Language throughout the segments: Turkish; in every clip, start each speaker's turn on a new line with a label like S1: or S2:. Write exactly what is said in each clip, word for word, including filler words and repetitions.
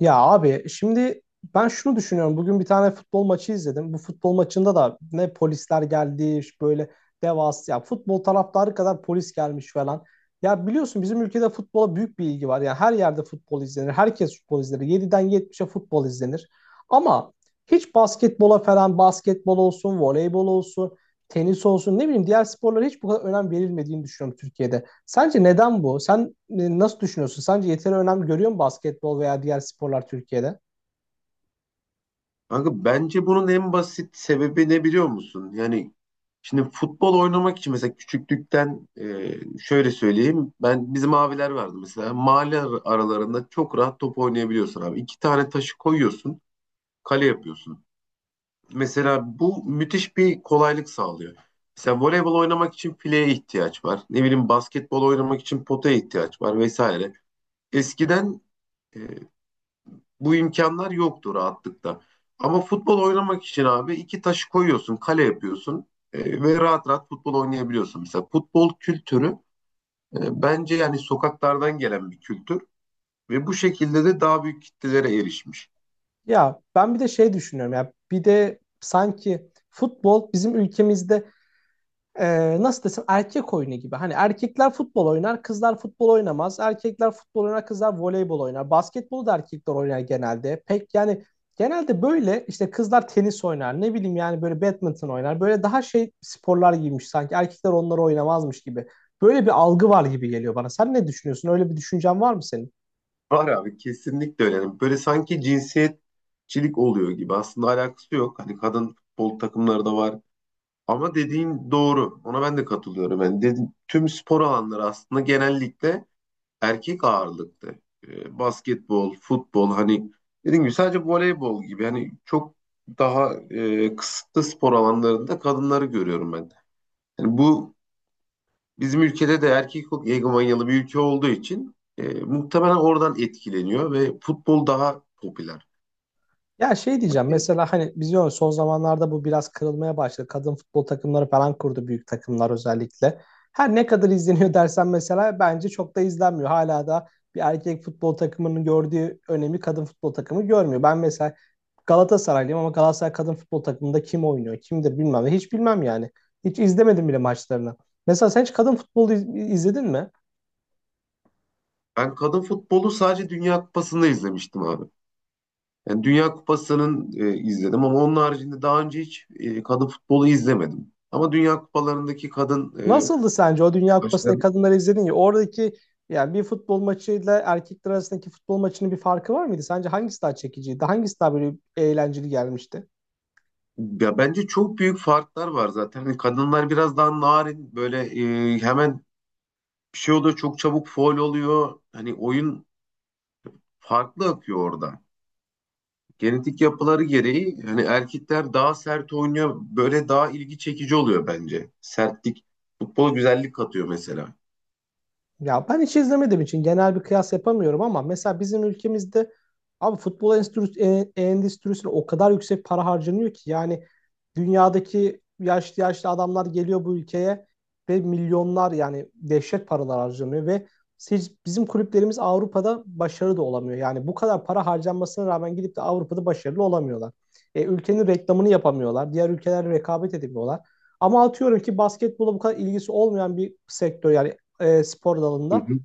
S1: Ya abi şimdi ben şunu düşünüyorum. Bugün bir tane futbol maçı izledim. Bu futbol maçında da ne polisler geldi böyle devasa ya futbol taraftarı kadar polis gelmiş falan. Ya biliyorsun bizim ülkede futbola büyük bir ilgi var. Yani her yerde futbol izlenir. Herkes futbol izler. Yediden yetmişe futbol izlenir. Ama hiç basketbola falan basketbol olsun, voleybol olsun, tenis olsun ne bileyim diğer sporlara hiç bu kadar önem verilmediğini düşünüyorum Türkiye'de. Sence neden bu? Sen e, nasıl düşünüyorsun? Sence yeteri önem görüyor mu basketbol veya diğer sporlar Türkiye'de?
S2: Kanka bence bunun en basit sebebi ne biliyor musun? Yani şimdi futbol oynamak için mesela küçüklükten e, şöyle söyleyeyim. Ben bizim abiler vardı mesela. Mahalle ar- aralarında çok rahat top oynayabiliyorsun abi. İki tane taşı koyuyorsun, kale yapıyorsun. Mesela bu müthiş bir kolaylık sağlıyor. Mesela voleybol oynamak için fileye ihtiyaç var. Ne bileyim basketbol oynamak için potaya ihtiyaç var vesaire. Eskiden e, bu imkanlar yoktu rahatlıkla. Ama futbol oynamak için abi iki taşı koyuyorsun, kale yapıyorsun e, ve rahat rahat futbol oynayabiliyorsun. Mesela futbol kültürü e, bence yani sokaklardan gelen bir kültür ve bu şekilde de daha büyük kitlelere erişmiş.
S1: Ya ben bir de şey düşünüyorum ya bir de sanki futbol bizim ülkemizde e, nasıl desem erkek oyunu gibi. Hani erkekler futbol oynar, kızlar futbol oynamaz. Erkekler futbol oynar, kızlar voleybol oynar. Basketbolu da erkekler oynar genelde. Pek yani genelde böyle işte kızlar tenis oynar. Ne bileyim yani böyle badminton oynar. Böyle daha şey sporlar giymiş sanki. Erkekler onları oynamazmış gibi. Böyle bir algı var gibi geliyor bana. Sen ne düşünüyorsun? Öyle bir düşüncen var mı senin?
S2: Var abi, kesinlikle öyle. Yani böyle sanki cinsiyetçilik oluyor gibi. Aslında alakası yok. Hani kadın futbol takımları da var. Ama dediğin doğru. Ona ben de katılıyorum. Yani dedi- tüm spor alanları aslında genellikle erkek ağırlıklı. E, basketbol, futbol, hani dediğim gibi sadece voleybol gibi hani çok daha e, kısıtlı spor alanlarında kadınları görüyorum ben. Yani bu bizim ülkede de erkek egomanyalı bir ülke olduğu için e, muhtemelen oradan etkileniyor ve futbol daha popüler.
S1: Ya şey diyeceğim
S2: E,
S1: mesela hani biz diyoruz son zamanlarda bu biraz kırılmaya başladı. Kadın futbol takımları falan kurdu büyük takımlar özellikle. Her ne kadar izleniyor dersen mesela bence çok da izlenmiyor. Hala da bir erkek futbol takımının gördüğü önemi kadın futbol takımı görmüyor. Ben mesela Galatasaraylıyım ama Galatasaray kadın futbol takımında kim oynuyor, kimdir bilmem. ne. Hiç bilmem yani. Hiç izlemedim bile maçlarını. Mesela sen hiç kadın futbolu iz- izledin mi?
S2: Ben kadın futbolu sadece Dünya Kupası'nda izlemiştim abi. Yani Dünya Kupası'nın e, izledim ama onun haricinde daha önce hiç e, kadın futbolu izlemedim. Ama Dünya Kupalarındaki kadın e,
S1: Nasıldı sence o Dünya Kupası'ndaki
S2: maçlarını.
S1: kadınları izledin ya oradaki yani bir futbol maçıyla erkekler arasındaki futbol maçının bir farkı var mıydı? Sence hangisi daha çekiciydi? Hangisi daha böyle eğlenceli gelmişti?
S2: Ya bence çok büyük farklar var zaten. Hani kadınlar biraz daha narin, böyle e, hemen bir şey oluyor, çok çabuk faul oluyor. Hani oyun farklı akıyor orada. Genetik yapıları gereği hani erkekler daha sert oynuyor. Böyle daha ilgi çekici oluyor bence. Sertlik futbola güzellik katıyor mesela.
S1: Ya ben hiç izlemediğim için genel bir kıyas yapamıyorum ama mesela bizim ülkemizde abi futbol endüstri- e- endüstrisine o kadar yüksek para harcanıyor ki yani dünyadaki yaşlı yaşlı adamlar geliyor bu ülkeye ve milyonlar yani dehşet paralar harcanıyor ve siz, bizim kulüplerimiz Avrupa'da başarılı da olamıyor. Yani bu kadar para harcanmasına rağmen gidip de Avrupa'da başarılı olamıyorlar. E, ülkenin reklamını yapamıyorlar. Diğer ülkelerle rekabet edemiyorlar. Ama atıyorum ki basketbola bu kadar ilgisi olmayan bir sektör yani e, spor
S2: Hı
S1: dalında
S2: hı.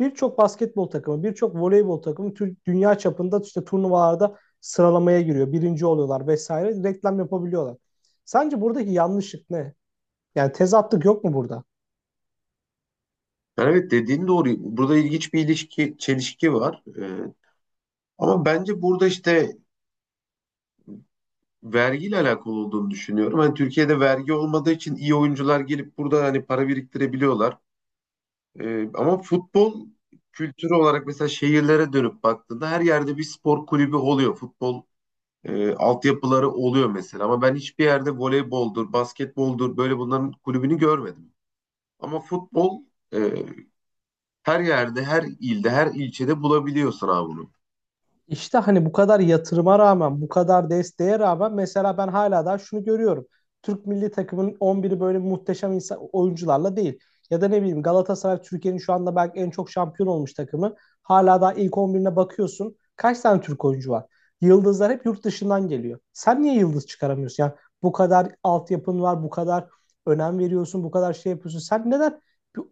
S1: birçok basketbol takımı, birçok voleybol takımı tür- dünya çapında işte turnuvalarda sıralamaya giriyor. Birinci oluyorlar vesaire. Reklam yapabiliyorlar. Sence buradaki yanlışlık ne? Yani tezatlık yok mu burada?
S2: Yani evet, dediğin doğru. Burada ilginç bir ilişki, çelişki var. Ee, ama bence burada işte vergiyle alakalı olduğunu düşünüyorum. Hani Türkiye'de vergi olmadığı için iyi oyuncular gelip burada hani para biriktirebiliyorlar. Ee, ama futbol kültürü olarak mesela şehirlere dönüp baktığında her yerde bir spor kulübü oluyor. Futbol e, altyapıları oluyor mesela. Ama ben hiçbir yerde voleyboldur, basketboldur böyle bunların kulübünü görmedim. Ama futbol e, her yerde, her ilde, her ilçede bulabiliyorsun abi bunu.
S1: İşte hani bu kadar yatırıma rağmen, bu kadar desteğe rağmen mesela ben hala daha şunu görüyorum. Türk milli takımının on biri böyle muhteşem insan, oyuncularla değil. Ya da ne bileyim Galatasaray Türkiye'nin şu anda belki en çok şampiyon olmuş takımı. Hala daha ilk on birine bakıyorsun. Kaç tane Türk oyuncu var? Yıldızlar hep yurt dışından geliyor. Sen niye yıldız çıkaramıyorsun? Yani bu kadar altyapın var, bu kadar önem veriyorsun, bu kadar şey yapıyorsun. Sen neden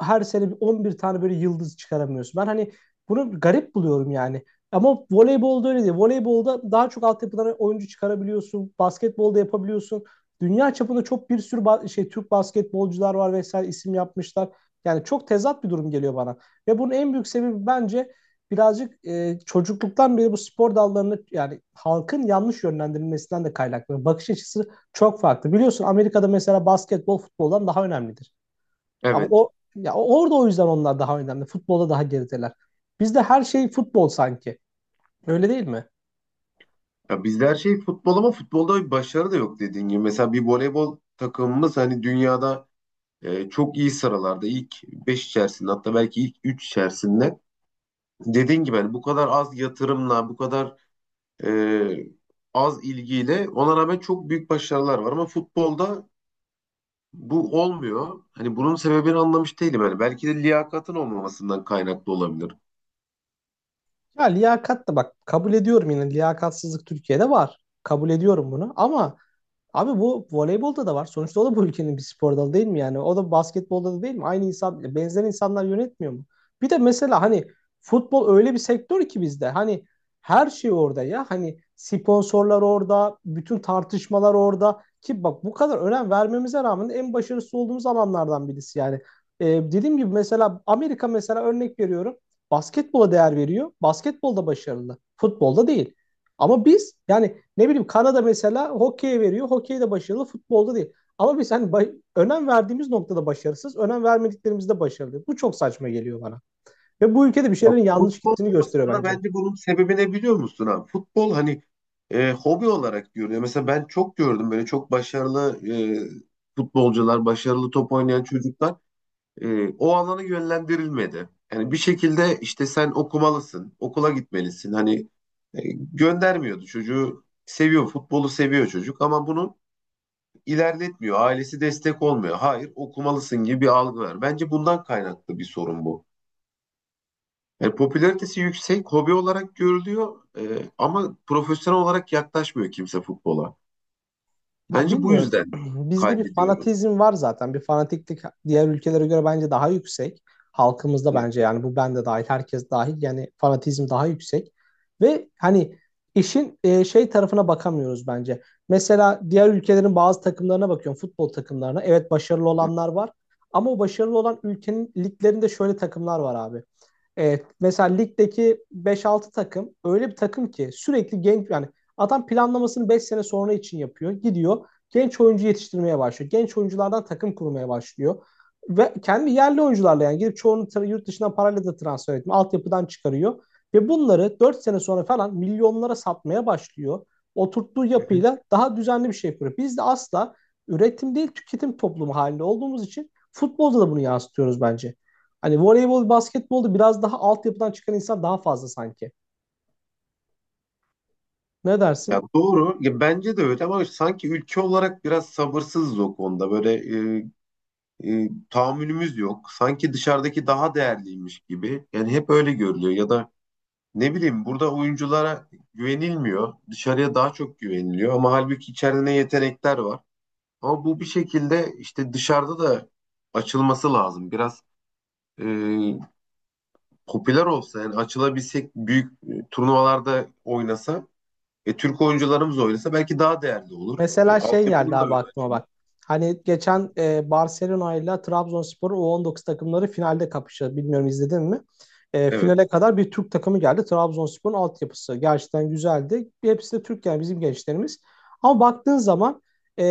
S1: her sene on bir on bir tane böyle yıldız çıkaramıyorsun? Ben hani bunu garip buluyorum yani. Ama voleybolda öyle değil. Voleybolda daha çok altyapıdan oyuncu çıkarabiliyorsun. Basketbolda yapabiliyorsun. Dünya çapında çok bir sürü ba- şey Türk basketbolcular var vesaire isim yapmışlar. Yani çok tezat bir durum geliyor bana. Ve bunun en büyük sebebi bence birazcık e, çocukluktan beri bu spor dallarını yani halkın yanlış yönlendirilmesinden de kaynaklanıyor. Bakış açısı çok farklı. Biliyorsun Amerika'da mesela basketbol futboldan daha önemlidir. Ama
S2: Evet.
S1: o ya orada o yüzden onlar daha önemli. Futbolda daha gerideler. Bizde her şey futbol sanki. Öyle değil mi?
S2: Ya bizde her şey futbol ama futbolda bir başarı da yok, dediğin gibi. Mesela bir voleybol takımımız hani dünyada e, çok iyi sıralarda, ilk beş içerisinde, hatta belki ilk üç içerisinde. Dediğin gibi hani bu kadar az yatırımla, bu kadar e, az ilgiyle, ona rağmen çok büyük başarılar var ama futbolda bu olmuyor. Hani bunun sebebini anlamış değilim. Yani belki de liyakatın olmamasından kaynaklı olabilir.
S1: Ya liyakat da bak kabul ediyorum yine liyakatsızlık Türkiye'de var. Kabul ediyorum bunu ama Abi bu voleybolda da var. Sonuçta o da bu ülkenin bir spor dalı değil mi yani? O da basketbolda da değil mi? Aynı insan, benzer insanlar yönetmiyor mu? Bir de mesela hani futbol öyle bir sektör ki bizde. Hani her şey orada ya. Hani sponsorlar orada, bütün tartışmalar orada. Ki bak bu kadar önem vermemize rağmen en başarısız olduğumuz alanlardan birisi yani. Ee, dediğim gibi mesela Amerika mesela örnek veriyorum. Basketbola değer veriyor. Basketbolda başarılı. Futbolda değil. Ama biz yani ne bileyim Kanada mesela hokeye veriyor. Hokeyde başarılı, futbolda değil. Ama biz hani ba- önem verdiğimiz noktada başarısız, önem vermediklerimizde başarılı. Bu çok saçma geliyor bana. Ve bu ülkede bir
S2: Ya
S1: şeylerin yanlış
S2: futbol
S1: gittiğini gösteriyor
S2: aslında
S1: bence.
S2: bence bunun sebebi ne biliyor musun abi? Futbol, hani e, hobi olarak görüyor. Mesela ben çok gördüm böyle çok başarılı e, futbolcular, başarılı top oynayan çocuklar e, o alana yönlendirilmedi. Yani bir şekilde işte sen okumalısın, okula gitmelisin. Hani e, göndermiyordu çocuğu. Seviyor, futbolu seviyor çocuk ama bunu ilerletmiyor. Ailesi destek olmuyor. Hayır, okumalısın gibi bir algı var. Bence bundan kaynaklı bir sorun bu. Yani popülaritesi yüksek, hobi olarak görülüyor, e, ama profesyonel olarak yaklaşmıyor kimse futbola.
S1: Ya
S2: Bence bu
S1: bilmiyorum.
S2: yüzden
S1: Bizde bir
S2: kaybediyoruz.
S1: fanatizm var zaten. Bir fanatiklik diğer ülkelere göre bence daha yüksek. Halkımızda
S2: Hı
S1: bence yani bu ben de dahil, herkes dahil. Yani fanatizm daha yüksek. Ve hani işin e, şey tarafına bakamıyoruz bence. Mesela diğer ülkelerin bazı takımlarına bakıyorum, futbol takımlarına. Evet, başarılı olanlar var. Ama o başarılı olan ülkenin liglerinde şöyle takımlar var abi. Evet, mesela ligdeki beş altı takım öyle bir takım ki sürekli genç yani adam planlamasını beş sene sonra için yapıyor. Gidiyor genç oyuncu yetiştirmeye başlıyor. Genç oyunculardan takım kurmaya başlıyor. Ve kendi yerli oyuncularla yani gidip çoğunu tra- yurt dışından parayla da transfer etmiyor. Altyapıdan çıkarıyor. Ve bunları dört sene sonra falan milyonlara satmaya başlıyor. Oturttuğu
S2: hı.
S1: yapıyla daha düzenli bir şey yapıyor. Biz de asla üretim değil tüketim toplumu halinde olduğumuz için futbolda da bunu yansıtıyoruz bence. Hani voleybol, basketbolda biraz daha altyapıdan çıkan insan daha fazla sanki. Ne
S2: Ya
S1: dersin?
S2: doğru. Ya bence de öyle ama sanki ülke olarak biraz sabırsızız o konuda. Böyle e, e, tahammülümüz yok. Sanki dışarıdaki daha değerliymiş gibi. Yani hep öyle görülüyor. Ya da ne bileyim, burada oyunculara güvenilmiyor. Dışarıya daha çok güveniliyor ama halbuki içeride ne yetenekler var. Ama bu bir şekilde işte dışarıda da açılması lazım. Biraz e, popüler olsa, yani açılabilsek, büyük e, turnuvalarda oynasa, e, Türk oyuncularımız oynasa belki daha değerli olur. E,
S1: Mesela şey geldi
S2: altyapının da
S1: abi
S2: öyle
S1: aklıma
S2: açılır.
S1: bak. Hani geçen e, Barcelona ile Trabzonspor'un u on dokuz takımları finalde kapıştı. Bilmiyorum, izledin mi? E, finale
S2: Evet.
S1: kadar bir Türk takımı geldi. Trabzonspor'un altyapısı gerçekten güzeldi. Hepsi de Türk yani bizim gençlerimiz. Ama baktığın zaman e,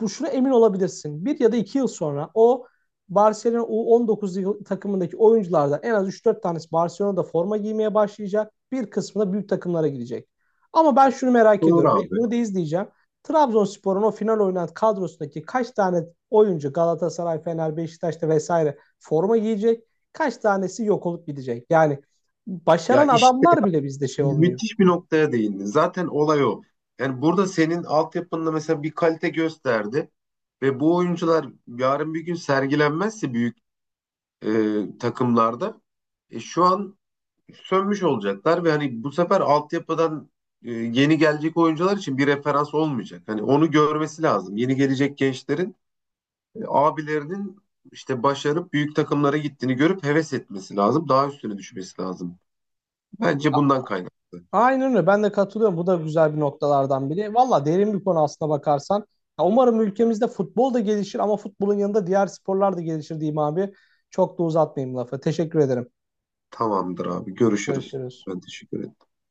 S1: bu şuna emin olabilirsin. Bir ya da iki yıl sonra o Barcelona u on dokuz yıl- takımındaki oyunculardan en az üç dört tanesi Barcelona'da forma giymeye başlayacak. Bir kısmı da büyük takımlara gidecek. Ama ben şunu merak
S2: Doğru
S1: ediyorum. ve
S2: abi.
S1: Bunu da izleyeceğim. Trabzonspor'un o final oynayan kadrosundaki kaç tane oyuncu Galatasaray, Fener, Beşiktaş'ta vesaire forma giyecek? Kaç tanesi yok olup gidecek? Yani
S2: Ya
S1: başaran
S2: işte
S1: adamlar bile bizde şey olmuyor.
S2: müthiş bir noktaya değindin. Zaten olay o. Yani burada senin altyapında mesela bir kalite gösterdi ve bu oyuncular yarın bir gün sergilenmezse büyük e, takımlarda e, şu an sönmüş olacaklar ve hani bu sefer altyapıdan e, yeni gelecek oyuncular için bir referans olmayacak. Hani onu görmesi lazım. Yeni gelecek gençlerin e, abilerinin işte başarıp büyük takımlara gittiğini görüp heves etmesi lazım. Daha üstüne düşmesi lazım. Bence bundan kaynaklı.
S1: Aynen öyle. Ben de katılıyorum. Bu da güzel bir noktalardan biri. Valla derin bir konu aslına bakarsan. Ya umarım ülkemizde futbol da gelişir ama futbolun yanında diğer sporlar da gelişir diyeyim abi. Çok da uzatmayayım lafı. Teşekkür ederim.
S2: Tamamdır abi. Görüşürüz.
S1: Görüşürüz.
S2: Ben teşekkür ederim.